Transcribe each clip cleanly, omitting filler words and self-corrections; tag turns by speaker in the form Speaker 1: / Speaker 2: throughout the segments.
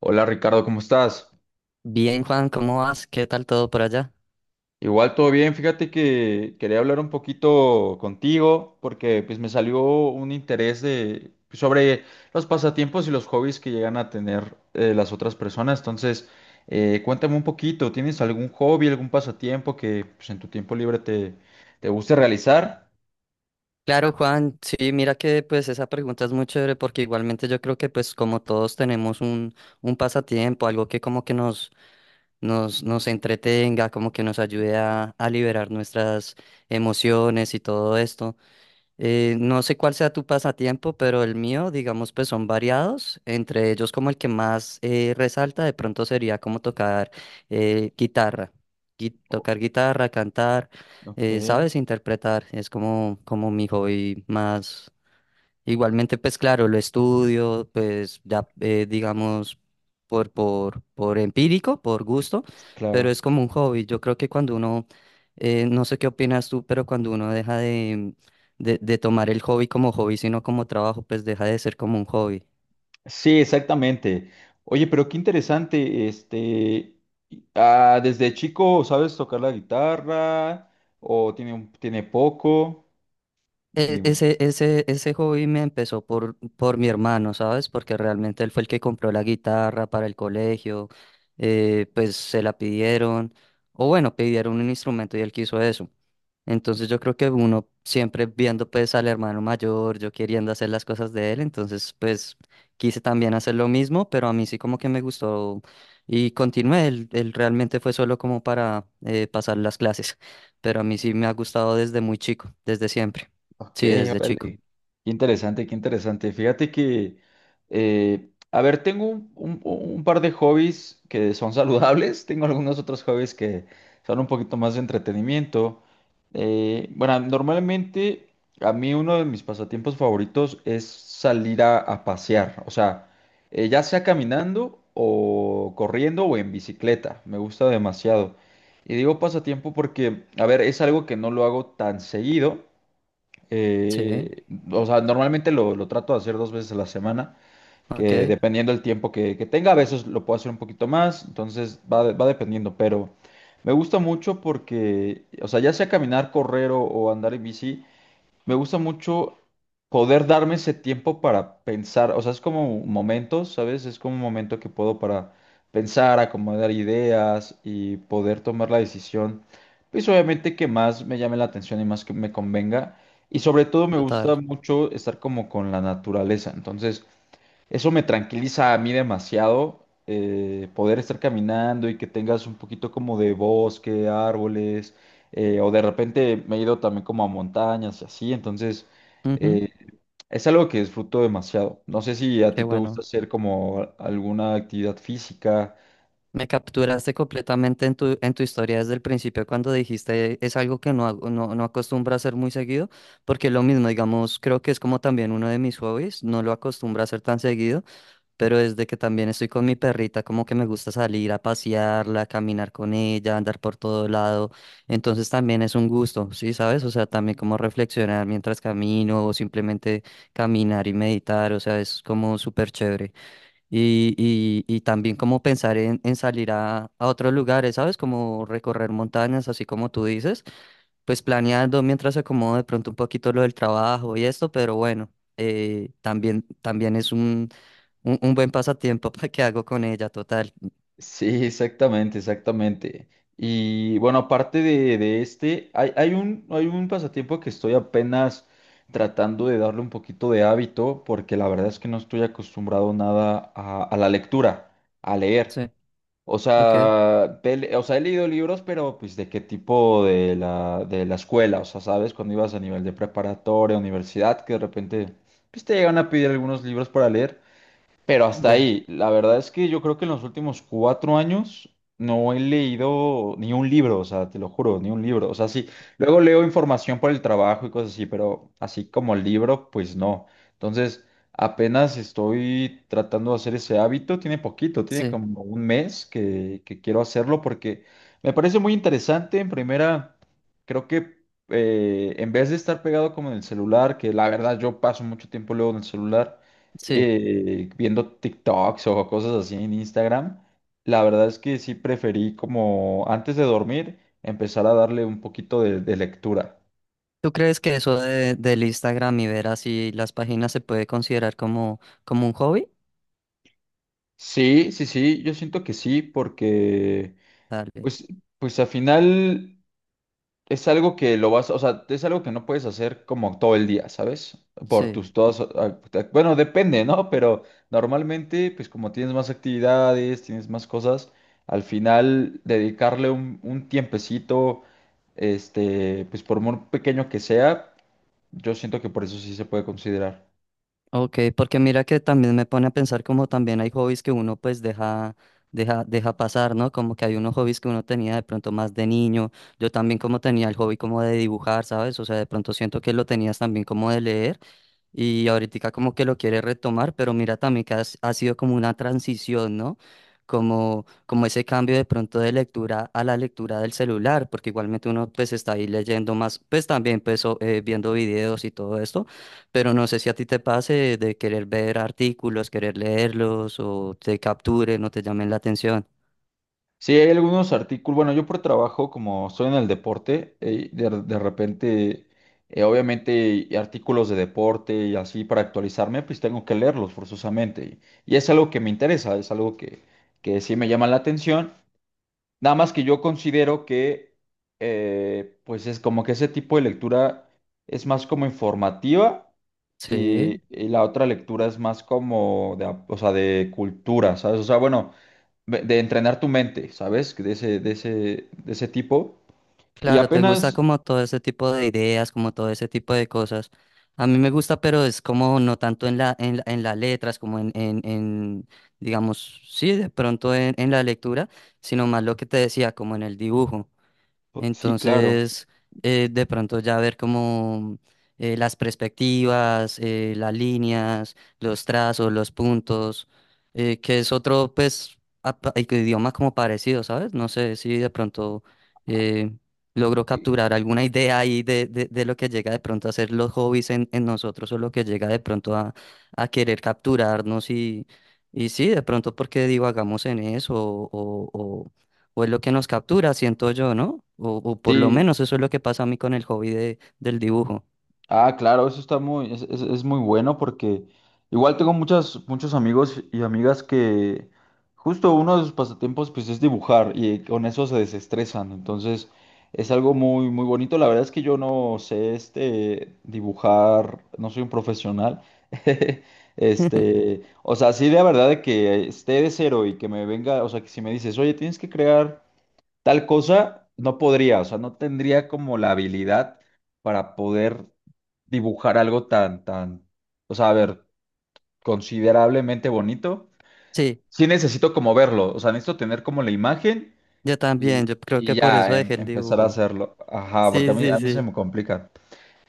Speaker 1: Hola Ricardo, ¿cómo estás?
Speaker 2: Bien, Juan, ¿cómo vas? ¿Qué tal todo por allá?
Speaker 1: Igual todo bien, fíjate que quería hablar un poquito contigo porque pues me salió un interés de pues, sobre los pasatiempos y los hobbies que llegan a tener las otras personas. Entonces, cuéntame un poquito, ¿tienes algún hobby, algún pasatiempo que pues, en tu tiempo libre te guste realizar?
Speaker 2: Claro, Juan, sí, mira que pues esa pregunta es muy chévere porque igualmente yo creo que pues como todos tenemos un pasatiempo, algo que como que nos entretenga, como que nos ayude a liberar nuestras emociones y todo esto. No sé cuál sea tu pasatiempo, pero el mío, digamos, pues son variados. Entre ellos, como el que más resalta, de pronto sería como tocar guitarra. Tocar guitarra, cantar,
Speaker 1: Ok,
Speaker 2: ¿sabes? Interpretar. Es como, como mi hobby más. Igualmente, pues claro, lo estudio, pues ya digamos por empírico, por gusto, pero
Speaker 1: claro.
Speaker 2: es como un hobby. Yo creo que cuando uno, no sé qué opinas tú, pero cuando uno deja de tomar el hobby como hobby, sino como trabajo, pues deja de ser como un hobby.
Speaker 1: Sí, exactamente. Oye, pero qué interesante, este, desde chico, ¿sabes tocar la guitarra? ¿O tiene, tiene poco? Dime.
Speaker 2: Ese hobby me empezó por mi hermano, ¿sabes? Porque realmente él fue el que compró la guitarra para el colegio, pues se la pidieron, o bueno, pidieron un instrumento y él quiso eso. Entonces yo creo que uno siempre viendo pues al hermano mayor, yo queriendo hacer las cosas de él, entonces pues quise también hacer lo mismo, pero a mí sí como que me gustó y continué, él realmente fue solo como para pasar las clases, pero a mí sí me ha gustado desde muy chico, desde siempre,
Speaker 1: Ok,
Speaker 2: sí, desde
Speaker 1: órale.
Speaker 2: chico,
Speaker 1: Qué interesante, qué interesante. Fíjate que, a ver, tengo un par de hobbies que son saludables, tengo algunos otros hobbies que son un poquito más de entretenimiento. Bueno, normalmente a mí uno de mis pasatiempos favoritos es salir a pasear, o sea, ya sea caminando o corriendo o en bicicleta, me gusta demasiado. Y digo pasatiempo porque, a ver, es algo que no lo hago tan seguido.
Speaker 2: sí,
Speaker 1: Eh, o sea, normalmente lo trato de hacer dos veces a la semana,
Speaker 2: ok,
Speaker 1: que dependiendo del tiempo que tenga, a veces lo puedo hacer un poquito más, entonces va dependiendo, pero me gusta mucho porque, o sea, ya sea caminar, correr o andar en bici, me gusta mucho poder darme ese tiempo para pensar, o sea, es como momentos, ¿sabes? Es como un momento que puedo para pensar, acomodar ideas y poder tomar la decisión, pues obviamente que más me llame la atención y más que me convenga. Y sobre todo me gusta
Speaker 2: total,
Speaker 1: mucho estar como con la naturaleza. Entonces, eso me tranquiliza a mí demasiado, poder estar caminando y que tengas un poquito como de bosque, árboles, o de repente me he ido también como a montañas y así, entonces
Speaker 2: ujú,
Speaker 1: eh, es algo que disfruto demasiado. No sé si a
Speaker 2: qué
Speaker 1: ti te gusta
Speaker 2: bueno.
Speaker 1: hacer como alguna actividad física.
Speaker 2: Me capturaste completamente en tu historia desde el principio cuando dijiste es algo que no hago, no, no acostumbro a hacer muy seguido, porque lo mismo, digamos, creo que es como también uno de mis hobbies, no lo acostumbro a hacer tan seguido, pero desde que también estoy con mi perrita, como que me gusta salir a pasearla, caminar con ella, andar por todo lado, entonces también es un gusto, ¿sí sabes? O sea, también como reflexionar mientras camino o simplemente caminar y meditar, o sea, es como súper chévere. Y también como pensar en salir a otros lugares, ¿sabes? Como recorrer montañas, así como tú dices, pues planeando mientras se acomoda de pronto un poquito lo del trabajo y esto, pero bueno, también, también es un buen pasatiempo para que hago con ella, total.
Speaker 1: Sí, exactamente, exactamente. Y bueno, aparte de este, hay un pasatiempo que estoy apenas tratando de darle un poquito de hábito, porque la verdad es que no estoy acostumbrado nada a la lectura, a leer.
Speaker 2: Sí,
Speaker 1: O
Speaker 2: ok,
Speaker 1: sea, o sea, he leído libros, pero pues de qué tipo de la escuela, o sea, sabes, cuando ibas a nivel de preparatoria, universidad, que de repente pues, te llegan a pedir algunos libros para leer. Pero hasta
Speaker 2: ya,
Speaker 1: ahí, la verdad es que yo creo que en los últimos cuatro años no he leído ni un libro, o sea, te lo juro, ni un libro. O sea, sí, luego leo información por el trabajo y cosas así, pero así como el libro, pues no. Entonces, apenas estoy tratando de hacer ese hábito, tiene poquito, tiene
Speaker 2: sí,
Speaker 1: como un mes que quiero hacerlo porque me parece muy interesante. En primera, creo que en vez de estar pegado como en el celular, que la verdad yo paso mucho tiempo luego en el celular
Speaker 2: sí.
Speaker 1: viendo TikToks o cosas así en Instagram, la verdad es que sí preferí como antes de dormir empezar a darle un poquito de lectura.
Speaker 2: ¿Tú crees que eso de, del Instagram y ver así las páginas se puede considerar como, como un hobby?
Speaker 1: Sí, sí, sí, yo siento que sí, porque
Speaker 2: Dale,
Speaker 1: pues, pues al final es algo que lo vas, o sea, es algo que no puedes hacer como todo el día, ¿sabes? Por
Speaker 2: sí.
Speaker 1: tus todas, ah, bueno, depende, ¿no? Pero normalmente, pues como tienes más actividades, tienes más cosas, al final dedicarle un tiempecito, este, pues por muy pequeño que sea, yo siento que por eso sí se puede considerar.
Speaker 2: Ok, porque mira que también me pone a pensar como también hay hobbies que uno pues deja, deja, deja pasar, ¿no? Como que hay unos hobbies que uno tenía de pronto más de niño. Yo también como tenía el hobby como de dibujar, ¿sabes? O sea, de pronto siento que lo tenías también como de leer. Y ahorita como que lo quiere retomar, pero mira también que ha sido como una transición, ¿no? Como, como ese cambio de pronto de lectura a la lectura del celular, porque igualmente uno pues está ahí leyendo más, pues también pues viendo videos y todo esto, pero no sé si a ti te pase de querer ver artículos, querer leerlos o te capturen o te llamen la atención.
Speaker 1: Sí, hay algunos artículos. Bueno, yo por trabajo, como estoy en el deporte, de repente, obviamente, y artículos de deporte y así para actualizarme, pues tengo que leerlos forzosamente. Y es algo que me interesa, es algo que sí me llama la atención. Nada más que yo considero que, pues es como que ese tipo de lectura es más como informativa
Speaker 2: Sí.
Speaker 1: y la otra lectura es más como de, o sea, de cultura, ¿sabes? O sea, bueno de entrenar tu mente, ¿sabes? De ese tipo. Y
Speaker 2: Claro, te gusta
Speaker 1: apenas,
Speaker 2: como todo ese tipo de ideas, como todo ese tipo de cosas. A mí me gusta, pero es como no tanto en la, en, en las letras, como en, digamos, sí, de pronto en la lectura, sino más lo que te decía, como en el dibujo.
Speaker 1: pues, sí, claro.
Speaker 2: Entonces, de pronto ya ver como las perspectivas, las líneas, los trazos, los puntos, que es otro, pues, idioma como parecido, ¿sabes? No sé si de pronto eh, logro capturar alguna idea ahí de lo que llega de pronto a ser los hobbies en nosotros o lo que llega de pronto a querer capturarnos y sí, de pronto porque divagamos en eso o es lo que nos captura, siento yo, ¿no? O por lo
Speaker 1: Sí,
Speaker 2: menos eso es lo que pasa a mí con el hobby de, del dibujo.
Speaker 1: ah, claro, eso está muy, es muy bueno porque igual tengo muchas, muchos amigos y amigas que justo uno de sus pasatiempos pues es dibujar y con eso se desestresan. Entonces es algo muy, muy bonito. La verdad es que yo no sé este dibujar, no soy un profesional. Este, o sea, sí de verdad de que esté de cero y que me venga, o sea, que si me dices, oye, tienes que crear. Tal cosa no podría, o sea, no tendría como la habilidad para poder dibujar algo tan, tan, o sea, a ver, considerablemente bonito.
Speaker 2: Sí,
Speaker 1: Sí necesito como verlo, o sea, necesito tener como la imagen
Speaker 2: yo también, yo creo
Speaker 1: y
Speaker 2: que por eso
Speaker 1: ya
Speaker 2: dejé el
Speaker 1: empezar a
Speaker 2: dibujo.
Speaker 1: hacerlo. Ajá, porque
Speaker 2: Sí, sí,
Speaker 1: a mí se
Speaker 2: sí.
Speaker 1: me complica.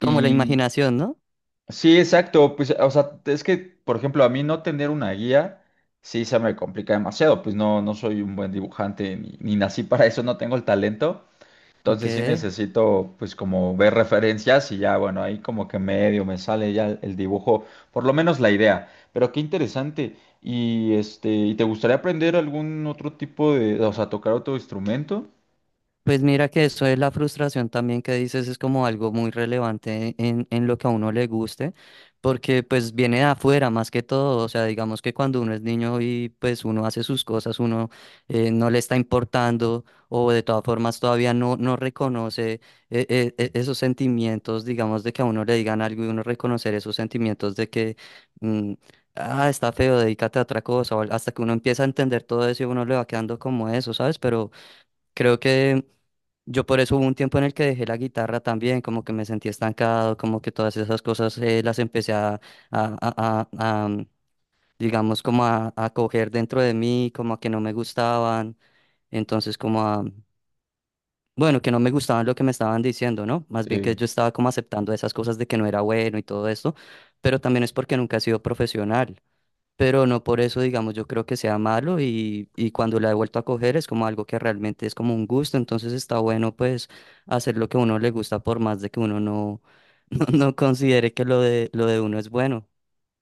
Speaker 2: Como la imaginación, ¿no?
Speaker 1: sí, exacto, pues, o sea, es que, por ejemplo, a mí no tener una guía, sí se me complica demasiado, pues no, no soy un buen dibujante, ni nací para eso, no tengo el talento.
Speaker 2: Ok.
Speaker 1: Entonces sí necesito pues como ver referencias y ya bueno, ahí como que medio me sale ya el dibujo, por lo menos la idea. Pero qué interesante. Y este, ¿y te gustaría aprender algún otro tipo de, o sea, tocar otro instrumento?
Speaker 2: Pues mira que eso es la frustración también que dices, es como algo muy relevante en lo que a uno le guste, porque pues viene de afuera más que todo, o sea, digamos que cuando uno es niño y pues uno hace sus cosas, uno no le está importando o de todas formas todavía no, no reconoce esos sentimientos, digamos, de que a uno le digan algo y uno reconocer esos sentimientos de que... mm, ah, está feo, dedícate a otra cosa. O hasta que uno empieza a entender todo eso y uno le va quedando como eso, ¿sabes? Pero creo que yo por eso hubo un tiempo en el que dejé la guitarra también, como que me sentí estancado, como que todas esas cosas las empecé a digamos, como a coger dentro de mí, como a que no me gustaban, entonces como a, bueno, que no me gustaban lo que me estaban diciendo, ¿no? Más bien que
Speaker 1: Sí.
Speaker 2: yo estaba como aceptando esas cosas de que no era bueno y todo esto, pero también es porque nunca he sido profesional, pero no por eso, digamos, yo creo que sea malo y cuando la he vuelto a coger es como algo que realmente es como un gusto, entonces está bueno pues hacer lo que a uno le gusta por más de que uno no, no, no considere que lo de uno es bueno.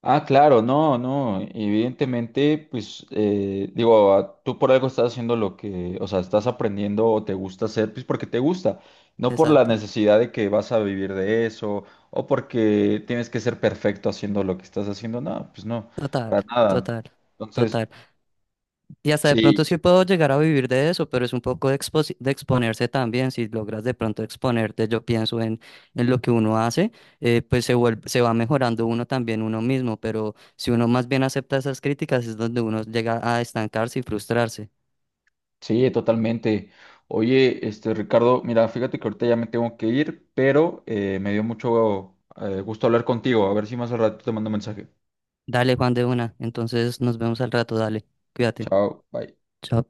Speaker 1: Ah, claro, no, no, evidentemente, pues, digo, ah, tú por algo estás haciendo lo que, o sea, estás aprendiendo o te gusta hacer, pues porque te gusta, no por la
Speaker 2: Exacto,
Speaker 1: necesidad de que vas a vivir de eso o porque tienes que ser perfecto haciendo lo que estás haciendo, no, pues no,
Speaker 2: total,
Speaker 1: para nada.
Speaker 2: total,
Speaker 1: Entonces,
Speaker 2: total. Y hasta de pronto
Speaker 1: sí,
Speaker 2: sí puedo llegar a vivir de eso, pero es un poco de, de exponerse también. Si logras de pronto exponerte, yo pienso en lo que uno hace, pues se vuelve, se va mejorando uno también uno mismo, pero si uno más bien acepta esas críticas es donde uno llega a estancarse y frustrarse.
Speaker 1: sí, totalmente. Oye, este, Ricardo, mira, fíjate que ahorita ya me tengo que ir, pero me dio mucho gusto hablar contigo, a ver si más al rato te mando un mensaje.
Speaker 2: Dale, Juan, de una. Entonces nos vemos al rato, dale. Cuídate.
Speaker 1: Chao, bye.
Speaker 2: Chao.